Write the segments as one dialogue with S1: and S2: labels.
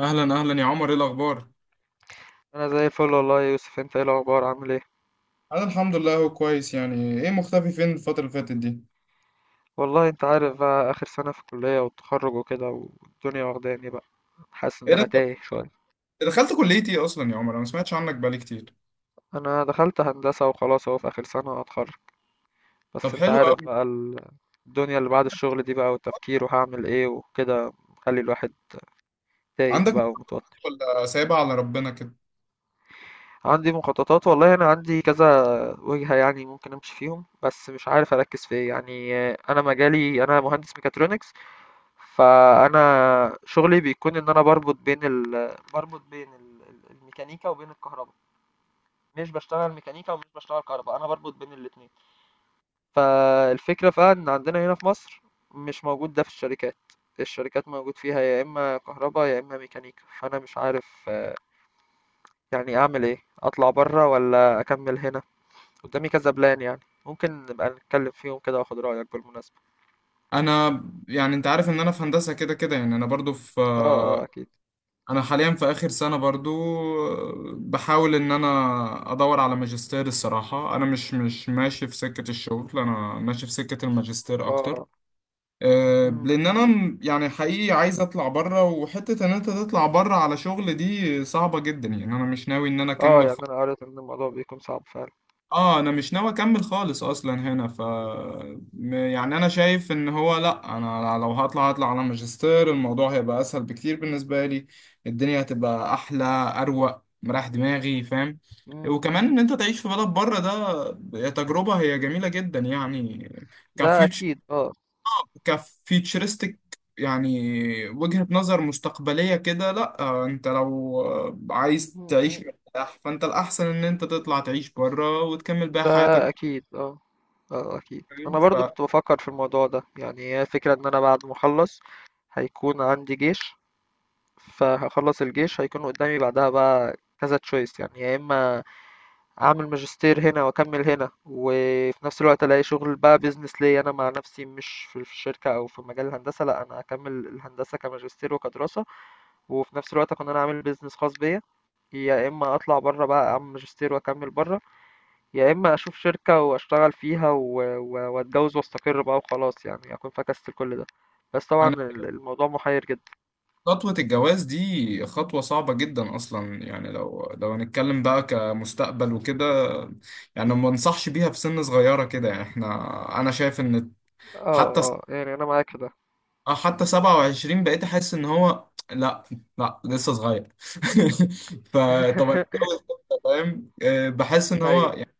S1: اهلا اهلا يا عمر، ايه الاخبار؟
S2: انا زي الفل، والله يا يوسف، انت ايه الاخبار؟ عامل ايه؟
S1: انا الحمد لله. هو كويس، يعني ايه مختفي فين الفترة اللي فاتت دي؟
S2: والله انت عارف بقى، اخر سنه في الكليه والتخرج وكده، والدنيا واخداني بقى. حاسس ان
S1: ايه ده،
S2: انا
S1: انت
S2: تايه شويه.
S1: دخلت كليه ايه اصلا يا عمر؟ انا ما سمعتش عنك بقالي كتير.
S2: انا دخلت هندسه، وخلاص اهو في اخر سنه هتخرج.
S1: طب
S2: بس انت
S1: حلو
S2: عارف
S1: قوي.
S2: بقى الدنيا اللي بعد الشغل دي بقى، والتفكير، وهعمل ايه وكده، مخلي الواحد تايه
S1: عندك
S2: بقى ومتوتر.
S1: مشروع ولا سايبها على ربنا كده؟
S2: عندي مخططات والله، انا عندي كذا وجهه يعني ممكن امشي فيهم، بس مش عارف اركز في ايه يعني. انا مجالي، انا مهندس ميكاترونكس. فأنا شغلي بيكون إن أنا باربط بين ال الميكانيكا وبين الكهرباء. مش باشتغل ميكانيكا ومش باشتغل كهرباء، أنا بربط بين الاتنين. فالفكرة بقى إن عندنا هنا في مصر مش موجود ده في الشركات. الشركات موجود فيها يا إما كهرباء يا إما ميكانيكا. فأنا مش عارف، يعني أعمل إيه؟ أطلع بره ولا أكمل هنا؟ قدامي كذا بلان يعني. ممكن نبقى نتكلم فيهم كده، وآخد رأيك بالمناسبة.
S1: انا يعني انت عارف ان انا في هندسه كده كده، يعني انا برضو في،
S2: اه اه، أكيد.
S1: انا حاليا في اخر سنه برضو. بحاول ان انا ادور على ماجستير الصراحه. انا مش ماشي في سكه الشغل، انا ماشي في سكه الماجستير اكتر.
S2: اه. مم.
S1: لان انا يعني حقيقي عايز اطلع بره، وحته ان انت تطلع بره على شغل دي صعبه جدا يعني. انا مش ناوي ان انا
S2: اه
S1: اكمل
S2: يعني أنا قريت إن الموضوع بيكون صعب فعلا.
S1: اه انا مش ناوي اكمل خالص اصلا هنا. ف يعني انا شايف ان هو لا، انا لو هطلع هطلع على ماجستير، الموضوع هيبقى اسهل بكتير بالنسبه لي. الدنيا هتبقى احلى، اروق، مريح دماغي، فاهم؟
S2: مم.
S1: وكمان ان انت تعيش في بلد بره ده تجربه هي جميله جدا يعني.
S2: ده
S1: كفيوتشر،
S2: اكيد اه.
S1: كفيتشرستك يعني، وجهة نظر مستقبلية كده. لا انت لو عايز
S2: م-
S1: تعيش
S2: م.
S1: مرتاح، فانت الأحسن ان انت تطلع تعيش بره وتكمل بقى حياتك.
S2: ده اكيد اه. اه اكيد،
S1: فاهم؟
S2: انا برضو كنت بفكر في الموضوع ده يعني. هي الفكرة ان انا بعد ما اخلص هيكون عندي جيش. فهخلص الجيش هيكون قدامي، بعدها بقى كذا تشويس، يعني يا اما اعمل ماجستير هنا واكمل هنا، وفي نفس الوقت الاقي شغل بقى، بيزنس ليا انا مع نفسي، مش في الشركة او في مجال الهندسة. لا، انا هكمل الهندسة كماجستير وكدراسة، وفي نفس الوقت اكون انا عامل بيزنس خاص بيا. يا اما اطلع بره بقى، اعمل ماجستير واكمل بره. يا اما اشوف شركة واشتغل فيها واتجوز واستقر بقى وخلاص، يعني اكون فكست كل ده. بس طبعا
S1: فأنا،
S2: الموضوع محير جدا.
S1: خطوة الجواز دي خطوة صعبة جدا أصلا. يعني لو هنتكلم بقى كمستقبل وكده، يعني ما انصحش بيها في سن صغيرة كده. يعني احنا، أنا شايف إن،
S2: اه
S1: حتى،
S2: اه، يعني انا معاك في ده.
S1: اه حتى 27 بقيت احس ان هو لا، لسه صغير. فطب انا اتجوز امتى، فاهم؟ بحس ان هو
S2: ايوه.
S1: يعني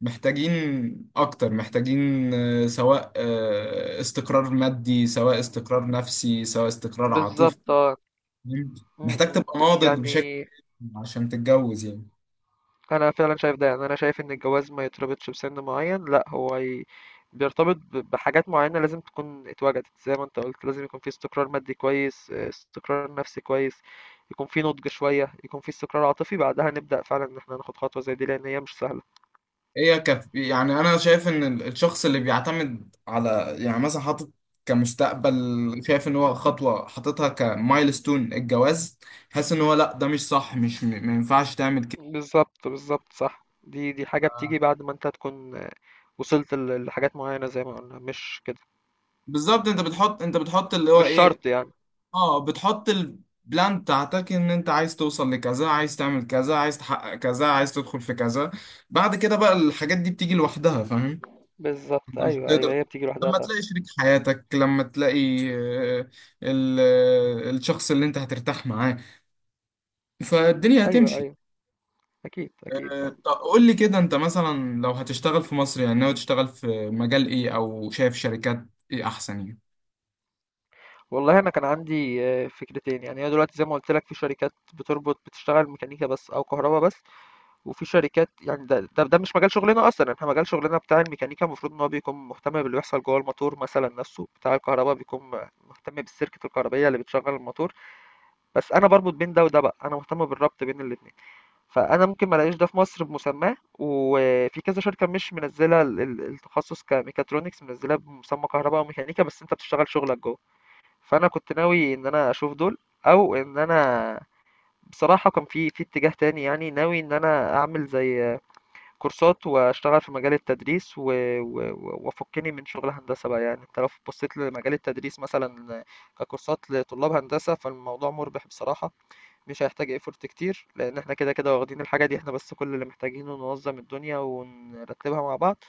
S1: محتاجين، اكتر محتاجين سواء استقرار مادي، سواء استقرار نفسي، سواء استقرار عاطفي.
S2: بالظبط اه.
S1: فاهم؟
S2: م-
S1: محتاج
S2: م.
S1: تبقى ناضج بشكل
S2: يعني
S1: عشان تتجوز يعني.
S2: انا فعلا شايف ده. يعني انا شايف ان الجواز ما يتربطش بسن معين، لا هو بيرتبط بحاجات معينة لازم تكون اتوجدت. زي ما انت قلت، لازم يكون في استقرار مادي كويس، استقرار نفسي كويس، يكون في نضج شوية، يكون في استقرار عاطفي. بعدها نبدأ فعلا ان احنا ناخد خطوة زي دي، لان هي مش سهلة.
S1: هي يعني انا شايف ان الشخص اللي بيعتمد على، يعني مثلا حاطط كمستقبل، شايف ان هو خطوه حاططها كمايلستون، الجواز. حاسس ان هو لا، ده مش صح، مش م... ما ينفعش تعمل.
S2: بالظبط بالظبط، صح. دي حاجة بتيجي بعد ما انت تكون، وصلت لحاجات معينة، زي ما قلنا، مش كده؟
S1: بالظبط، انت بتحط، انت بتحط اللي هو
S2: مش
S1: ايه،
S2: شرط يعني.
S1: اه بتحط البلان بتاعتك، ان انت عايز توصل لكذا، عايز تعمل كذا، عايز تحقق كذا، عايز تدخل في كذا. بعد كده بقى الحاجات دي بتيجي لوحدها، فاهم؟
S2: بالظبط،
S1: انت مش
S2: ايوه ايوه،
S1: بتقدر.
S2: هي بتيجي لوحدها
S1: لما
S2: فعلا.
S1: تلاقي شريك حياتك، لما تلاقي ال- الشخص اللي انت هترتاح معاه، فالدنيا
S2: ايوه
S1: هتمشي.
S2: ايوه، اكيد اكيد اه.
S1: طب قول لي كده، انت مثلا لو هتشتغل في مصر، يعني ناوي تشتغل في مجال ايه؟ او شايف شركات ايه احسن يعني؟
S2: والله انا كان عندي، فكرتين يعني. هي دلوقتي زي ما قلت لك، في شركات بتربط، بتشتغل ميكانيكا بس او كهرباء بس. وفي شركات يعني ده مش مجال شغلنا اصلا. احنا مجال شغلنا بتاع الميكانيكا، المفروض ان هو بيكون مهتم باللي بيحصل جوه الموتور مثلا نفسه، بتاع الكهرباء بيكون مهتم بالسيركت الكهربائيه اللي بتشغل الموتور. بس انا بربط بين ده وده بقى، انا مهتم بالربط بين الاثنين. فانا ممكن ما الاقيش ده في مصر بمسماه، وفي كذا شركه مش منزله التخصص كميكاترونكس، منزلاه بمسمى كهرباء وميكانيكا بس انت بتشتغل شغلك جوه. فانا كنت ناوي ان انا اشوف دول، او ان انا بصراحة كان في اتجاه تاني يعني. ناوي ان انا اعمل زي كورسات واشتغل في مجال التدريس، و... وافكني من شغل هندسة بقى. يعني انت لو بصيت لمجال التدريس مثلا ككورسات لطلاب هندسة، فالموضوع مربح بصراحة. مش هيحتاج ايفورت كتير لان احنا كده كده واخدين الحاجة دي. احنا بس كل اللي محتاجينه ننظم الدنيا ونرتبها مع بعض،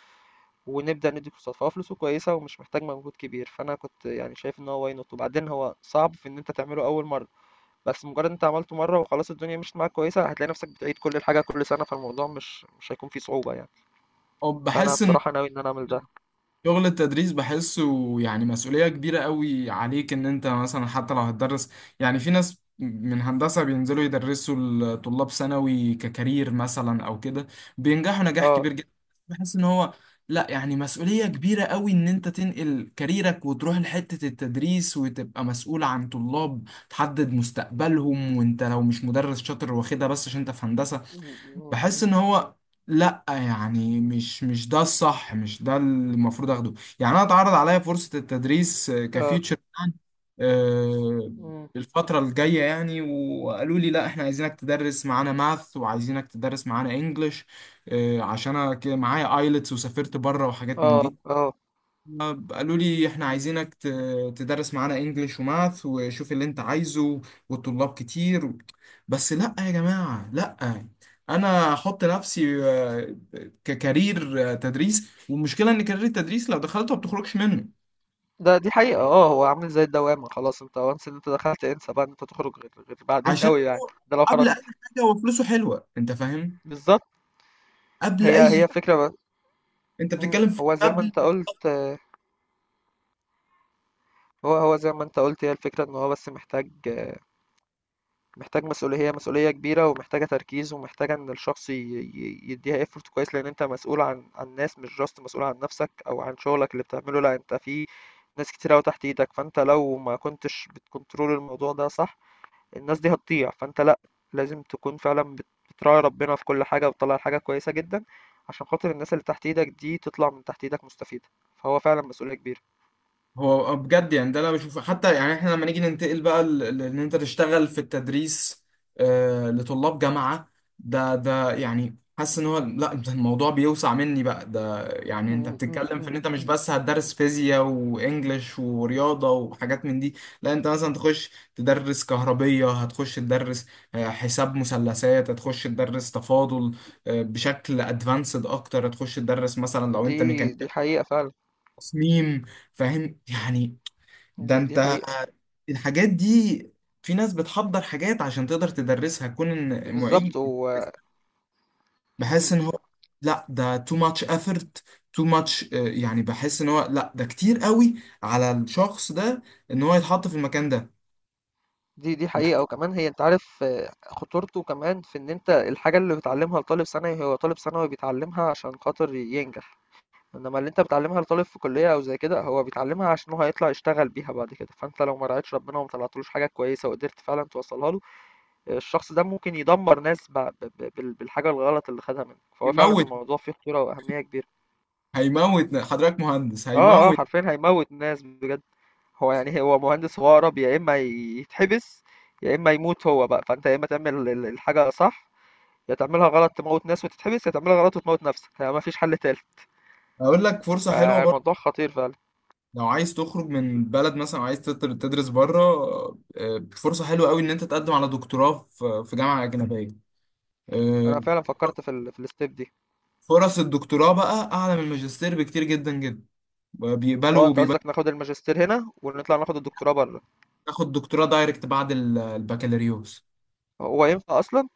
S2: ونبدأ ندي كورسات. فهو فلوسه كويسة، ومش محتاج مجهود كبير. فأنا كنت يعني شايف إن هو واي نوت. وبعدين هو صعب في إن أنت تعمله أول مرة، بس مجرد أنت عملته مرة وخلاص الدنيا مشيت معاك كويسة، هتلاقي نفسك بتعيد كل الحاجة كل سنة. فالموضوع مش هيكون فيه صعوبة يعني.
S1: أو
S2: فأنا
S1: بحس ان
S2: بصراحة ناوي إن أنا أعمل ده.
S1: شغل التدريس بحسه يعني مسؤولية كبيرة قوي عليك. ان انت مثلا حتى لو هتدرس، يعني في ناس من هندسة بينزلوا يدرسوا الطلاب ثانوي ككارير مثلا او كده، بينجحوا نجاح
S2: اه.
S1: كبير جدا. بحس ان هو لا، يعني مسؤولية كبيرة قوي ان انت تنقل كاريرك وتروح لحتة التدريس وتبقى مسؤول عن طلاب، تحدد مستقبلهم، وانت لو مش مدرس شاطر واخدها بس عشان انت في هندسة.
S2: م- م-
S1: بحس
S2: م.
S1: ان هو لا، يعني مش ده الصح، مش ده اللي المفروض اخده. يعني انا اتعرض عليا فرصة التدريس
S2: اه.
S1: كفيوتشر بلان آه،
S2: م.
S1: الفترة الجاية يعني. وقالوا لي لا، احنا عايزينك تدرس معانا ماث، وعايزينك تدرس معانا انجلش، عشان انا كده معايا ايلتس وسافرت بره وحاجات من
S2: اه
S1: دي.
S2: اه،
S1: قالوا لي احنا عايزينك تدرس معانا انجليش وماث، وشوف اللي انت عايزه، والطلاب كتير بس لا يا جماعة، لا. انا احط نفسي ككارير تدريس؟ والمشكلة ان كارير التدريس لو دخلته ما بتخرجش منه.
S2: دي حقيقة اه. هو عامل زي الدوامة، خلاص انت وانس ان انت دخلت، انسى بقى ان انت تخرج غير بعدين
S1: عشان
S2: قوي يعني،
S1: هو
S2: ده لو
S1: قبل اي
S2: خرجت.
S1: حاجة هو فلوسه حلوة، انت فاهم.
S2: بالظبط،
S1: قبل
S2: هي
S1: اي،
S2: هي فكرة بقى.
S1: انت
S2: مم.
S1: بتتكلم في
S2: هو زي ما
S1: قبل.
S2: انت قلت. هو زي ما انت قلت، هي الفكرة ان هو بس محتاج مسؤولية. هي مسؤولية كبيرة، ومحتاجة تركيز، ومحتاجة ان الشخص يديها effort كويس، لان انت مسؤول عن ناس، مش جاست مسؤول عن نفسك او عن شغلك اللي بتعمله. لا، انت في ناس كتير قوي تحت ايدك. فانت لو ما كنتش بتكنترول الموضوع ده صح، الناس دي هتضيع. فانت لا، لازم تكون فعلا بتراعي ربنا في كل حاجة، وتطلع حاجة كويسة جدا عشان خاطر الناس اللي تحت ايدك دي تطلع من تحت ايدك مستفيدة. فهو فعلا مسؤولية كبيرة.
S1: هو بجد يعني ده انا بشوفه. حتى يعني احنا لما نيجي ننتقل بقى ان انت تشتغل في التدريس لطلاب جامعة، ده يعني حاسس ان هو لا، ده الموضوع بيوسع مني بقى. ده يعني انت
S2: م- م-
S1: بتتكلم في ان
S2: م.
S1: انت مش بس هتدرس فيزياء وانجليش ورياضة وحاجات من دي. لا، انت مثلا تخش تدرس كهربية، هتخش تدرس حساب مثلثات، هتخش تدرس تفاضل بشكل ادفانسد اكتر، هتخش تدرس مثلا لو انت
S2: دي
S1: ميكانيكا
S2: دي حقيقة فعلا.
S1: تصميم. فاهم يعني؟ ده
S2: دي
S1: انت،
S2: حقيقة.
S1: الحاجات دي، في ناس بتحضر حاجات عشان تقدر تدرسها كون ان
S2: بالظبط
S1: معيد.
S2: و.
S1: بحس
S2: مم.
S1: ان هو لا، ده too much effort، too much يعني بحس ان هو لا، ده كتير قوي على الشخص ده ان هو يتحط في المكان ده.
S2: دي
S1: ده
S2: حقيقة. وكمان هي انت عارف خطورته كمان في ان انت الحاجة اللي بتعلمها لطالب ثانوي، هو طالب ثانوي بيتعلمها عشان خاطر ينجح. انما اللي انت بتعلمها لطالب في كلية او زي كده، هو بيتعلمها عشان هو هيطلع يشتغل بيها بعد كده. فانت لو ما رعيتش ربنا وما طلعتلوش حاجة كويسة وقدرت فعلا توصلها له، الشخص ده ممكن يدمر ناس بالحاجة الغلط اللي خدها منك. فهو فعلا
S1: هيموت،
S2: الموضوع فيه خطورة واهمية كبيرة.
S1: هيموت حضرتك مهندس،
S2: اه اه،
S1: هيموت.
S2: حرفيا هيموت ناس بجد. هو يعني هو مهندس، هو أقرب يا إما يتحبس يا إما يموت هو بقى. فأنت يا إما تعمل الحاجة صح، يا تعملها غلط تموت ناس وتتحبس، يا تعملها غلط وتموت نفسك. يعني مفيش حل تالت.
S1: اقول لك فرصة حلوة برضه،
S2: فالموضوع خطير فعلا.
S1: لو عايز تخرج من البلد مثلا وعايز تدرس بره، فرصة حلوة قوي ان انت تقدم على دكتوراه في في جامعة أجنبية.
S2: أنا
S1: آه،
S2: فعلا فكرت في ال في الستيب دي.
S1: فرص الدكتوراه بقى اعلى من الماجستير بكتير جدا جدا.
S2: اه،
S1: بيقبلوا،
S2: أنت قصدك
S1: بيقبلوا
S2: ناخد الماجستير هنا ونطلع ناخد الدكتوراه بره؟
S1: تاخد دكتوراه دايركت بعد البكالوريوس.
S2: هو ينفع أصلا؟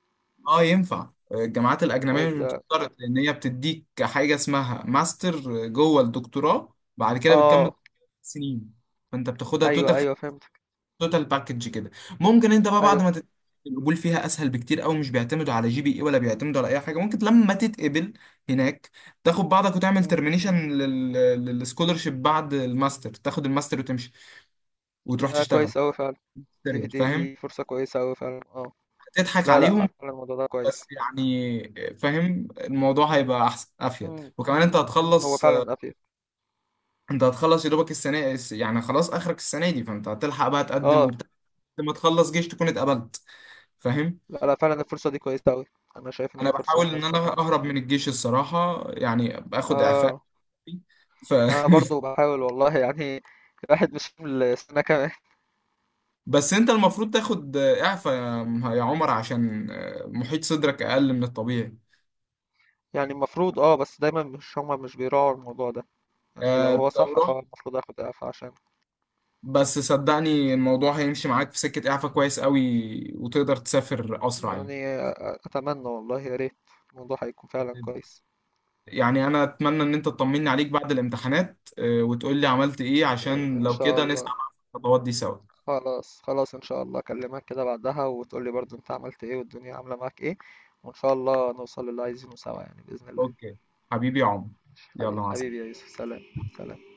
S1: اه ينفع. الجامعات الاجنبيه مش
S2: طيب ده.
S1: بتشترط، لان هي بتديك حاجه اسمها ماستر جوه الدكتوراه، بعد كده بتكمل
S2: اه.
S1: سنين. فانت بتاخدها توتال،
S2: أيوه أيوه، فهمتك.
S1: توتال باكج كده. ممكن انت بقى بعد
S2: أيوه.
S1: ما القبول فيها اسهل بكتير قوي، مش بيعتمدوا على جي بي اي ولا بيعتمدوا على اي حاجه. ممكن لما تتقبل هناك، تاخد بعضك وتعمل
S2: مم.
S1: ترمينيشن للسكولرشيب بعد الماستر، تاخد الماستر وتمشي وتروح
S2: ده
S1: تشتغل.
S2: كويس أوي فعلا. دي
S1: سيريس،
S2: دي
S1: فاهم؟
S2: دي فرصة كويسة أوي فعلا اه.
S1: تضحك
S2: لا لا،
S1: عليهم.
S2: فعلا الموضوع ده كويس.
S1: بس يعني فاهم، الموضوع هيبقى احسن، افيد،
S2: مم.
S1: وكمان انت
S2: مم. مم. هو
S1: هتخلص،
S2: فعلا أفيد.
S1: انت هتخلص يا دوبك السنه. يعني خلاص اخرك السنه دي، فانت هتلحق بقى تقدم
S2: اه.
S1: وبتاع. لما تخلص جيش تكون اتقبلت. فاهم؟
S2: لا لا، فعلا الفرصة دي كويسة أوي. أنا شايف إن
S1: انا
S2: هي فرصة
S1: بحاول ان
S2: مناسبة
S1: انا
S2: فعلا.
S1: اهرب من الجيش الصراحه، يعني باخد اعفاء
S2: آه.
S1: ف...
S2: أنا برضو بحاول والله، يعني. الواحد مش من السنة كمان.
S1: بس انت المفروض تاخد اعفاء يا يا عمر، عشان محيط صدرك اقل من الطبيعي.
S2: يعني المفروض بس دايما مش هما مش بيراعوا الموضوع ده. يعني لو هو
S1: لو
S2: صح
S1: رحت،
S2: فهو المفروض اخد اعفاء عشان.
S1: بس صدقني الموضوع هيمشي معاك في سكه اعفاء كويس قوي، وتقدر تسافر اسرع يعني.
S2: يعني، أتمنى والله، يا ريت الموضوع هيكون فعلا كويس.
S1: يعني انا اتمنى ان انت تطمني عليك بعد الامتحانات وتقول لي عملت ايه،
S2: إن
S1: عشان
S2: إن
S1: لو
S2: شاء
S1: كده نسعى
S2: الله.
S1: مع الخطوات دي سوا.
S2: خلاص خلاص، إن شاء الله أكلمك كده بعدها، وتقولي برضو أنت عملت إيه والدنيا عاملة معاك إيه. وإن شاء الله نوصل للي عايزينه سوا يعني، بإذن الله.
S1: اوكي حبيبي يا عمر، يلا
S2: حبيبي
S1: مع
S2: حبيبي يا يوسف، سلام. سلام.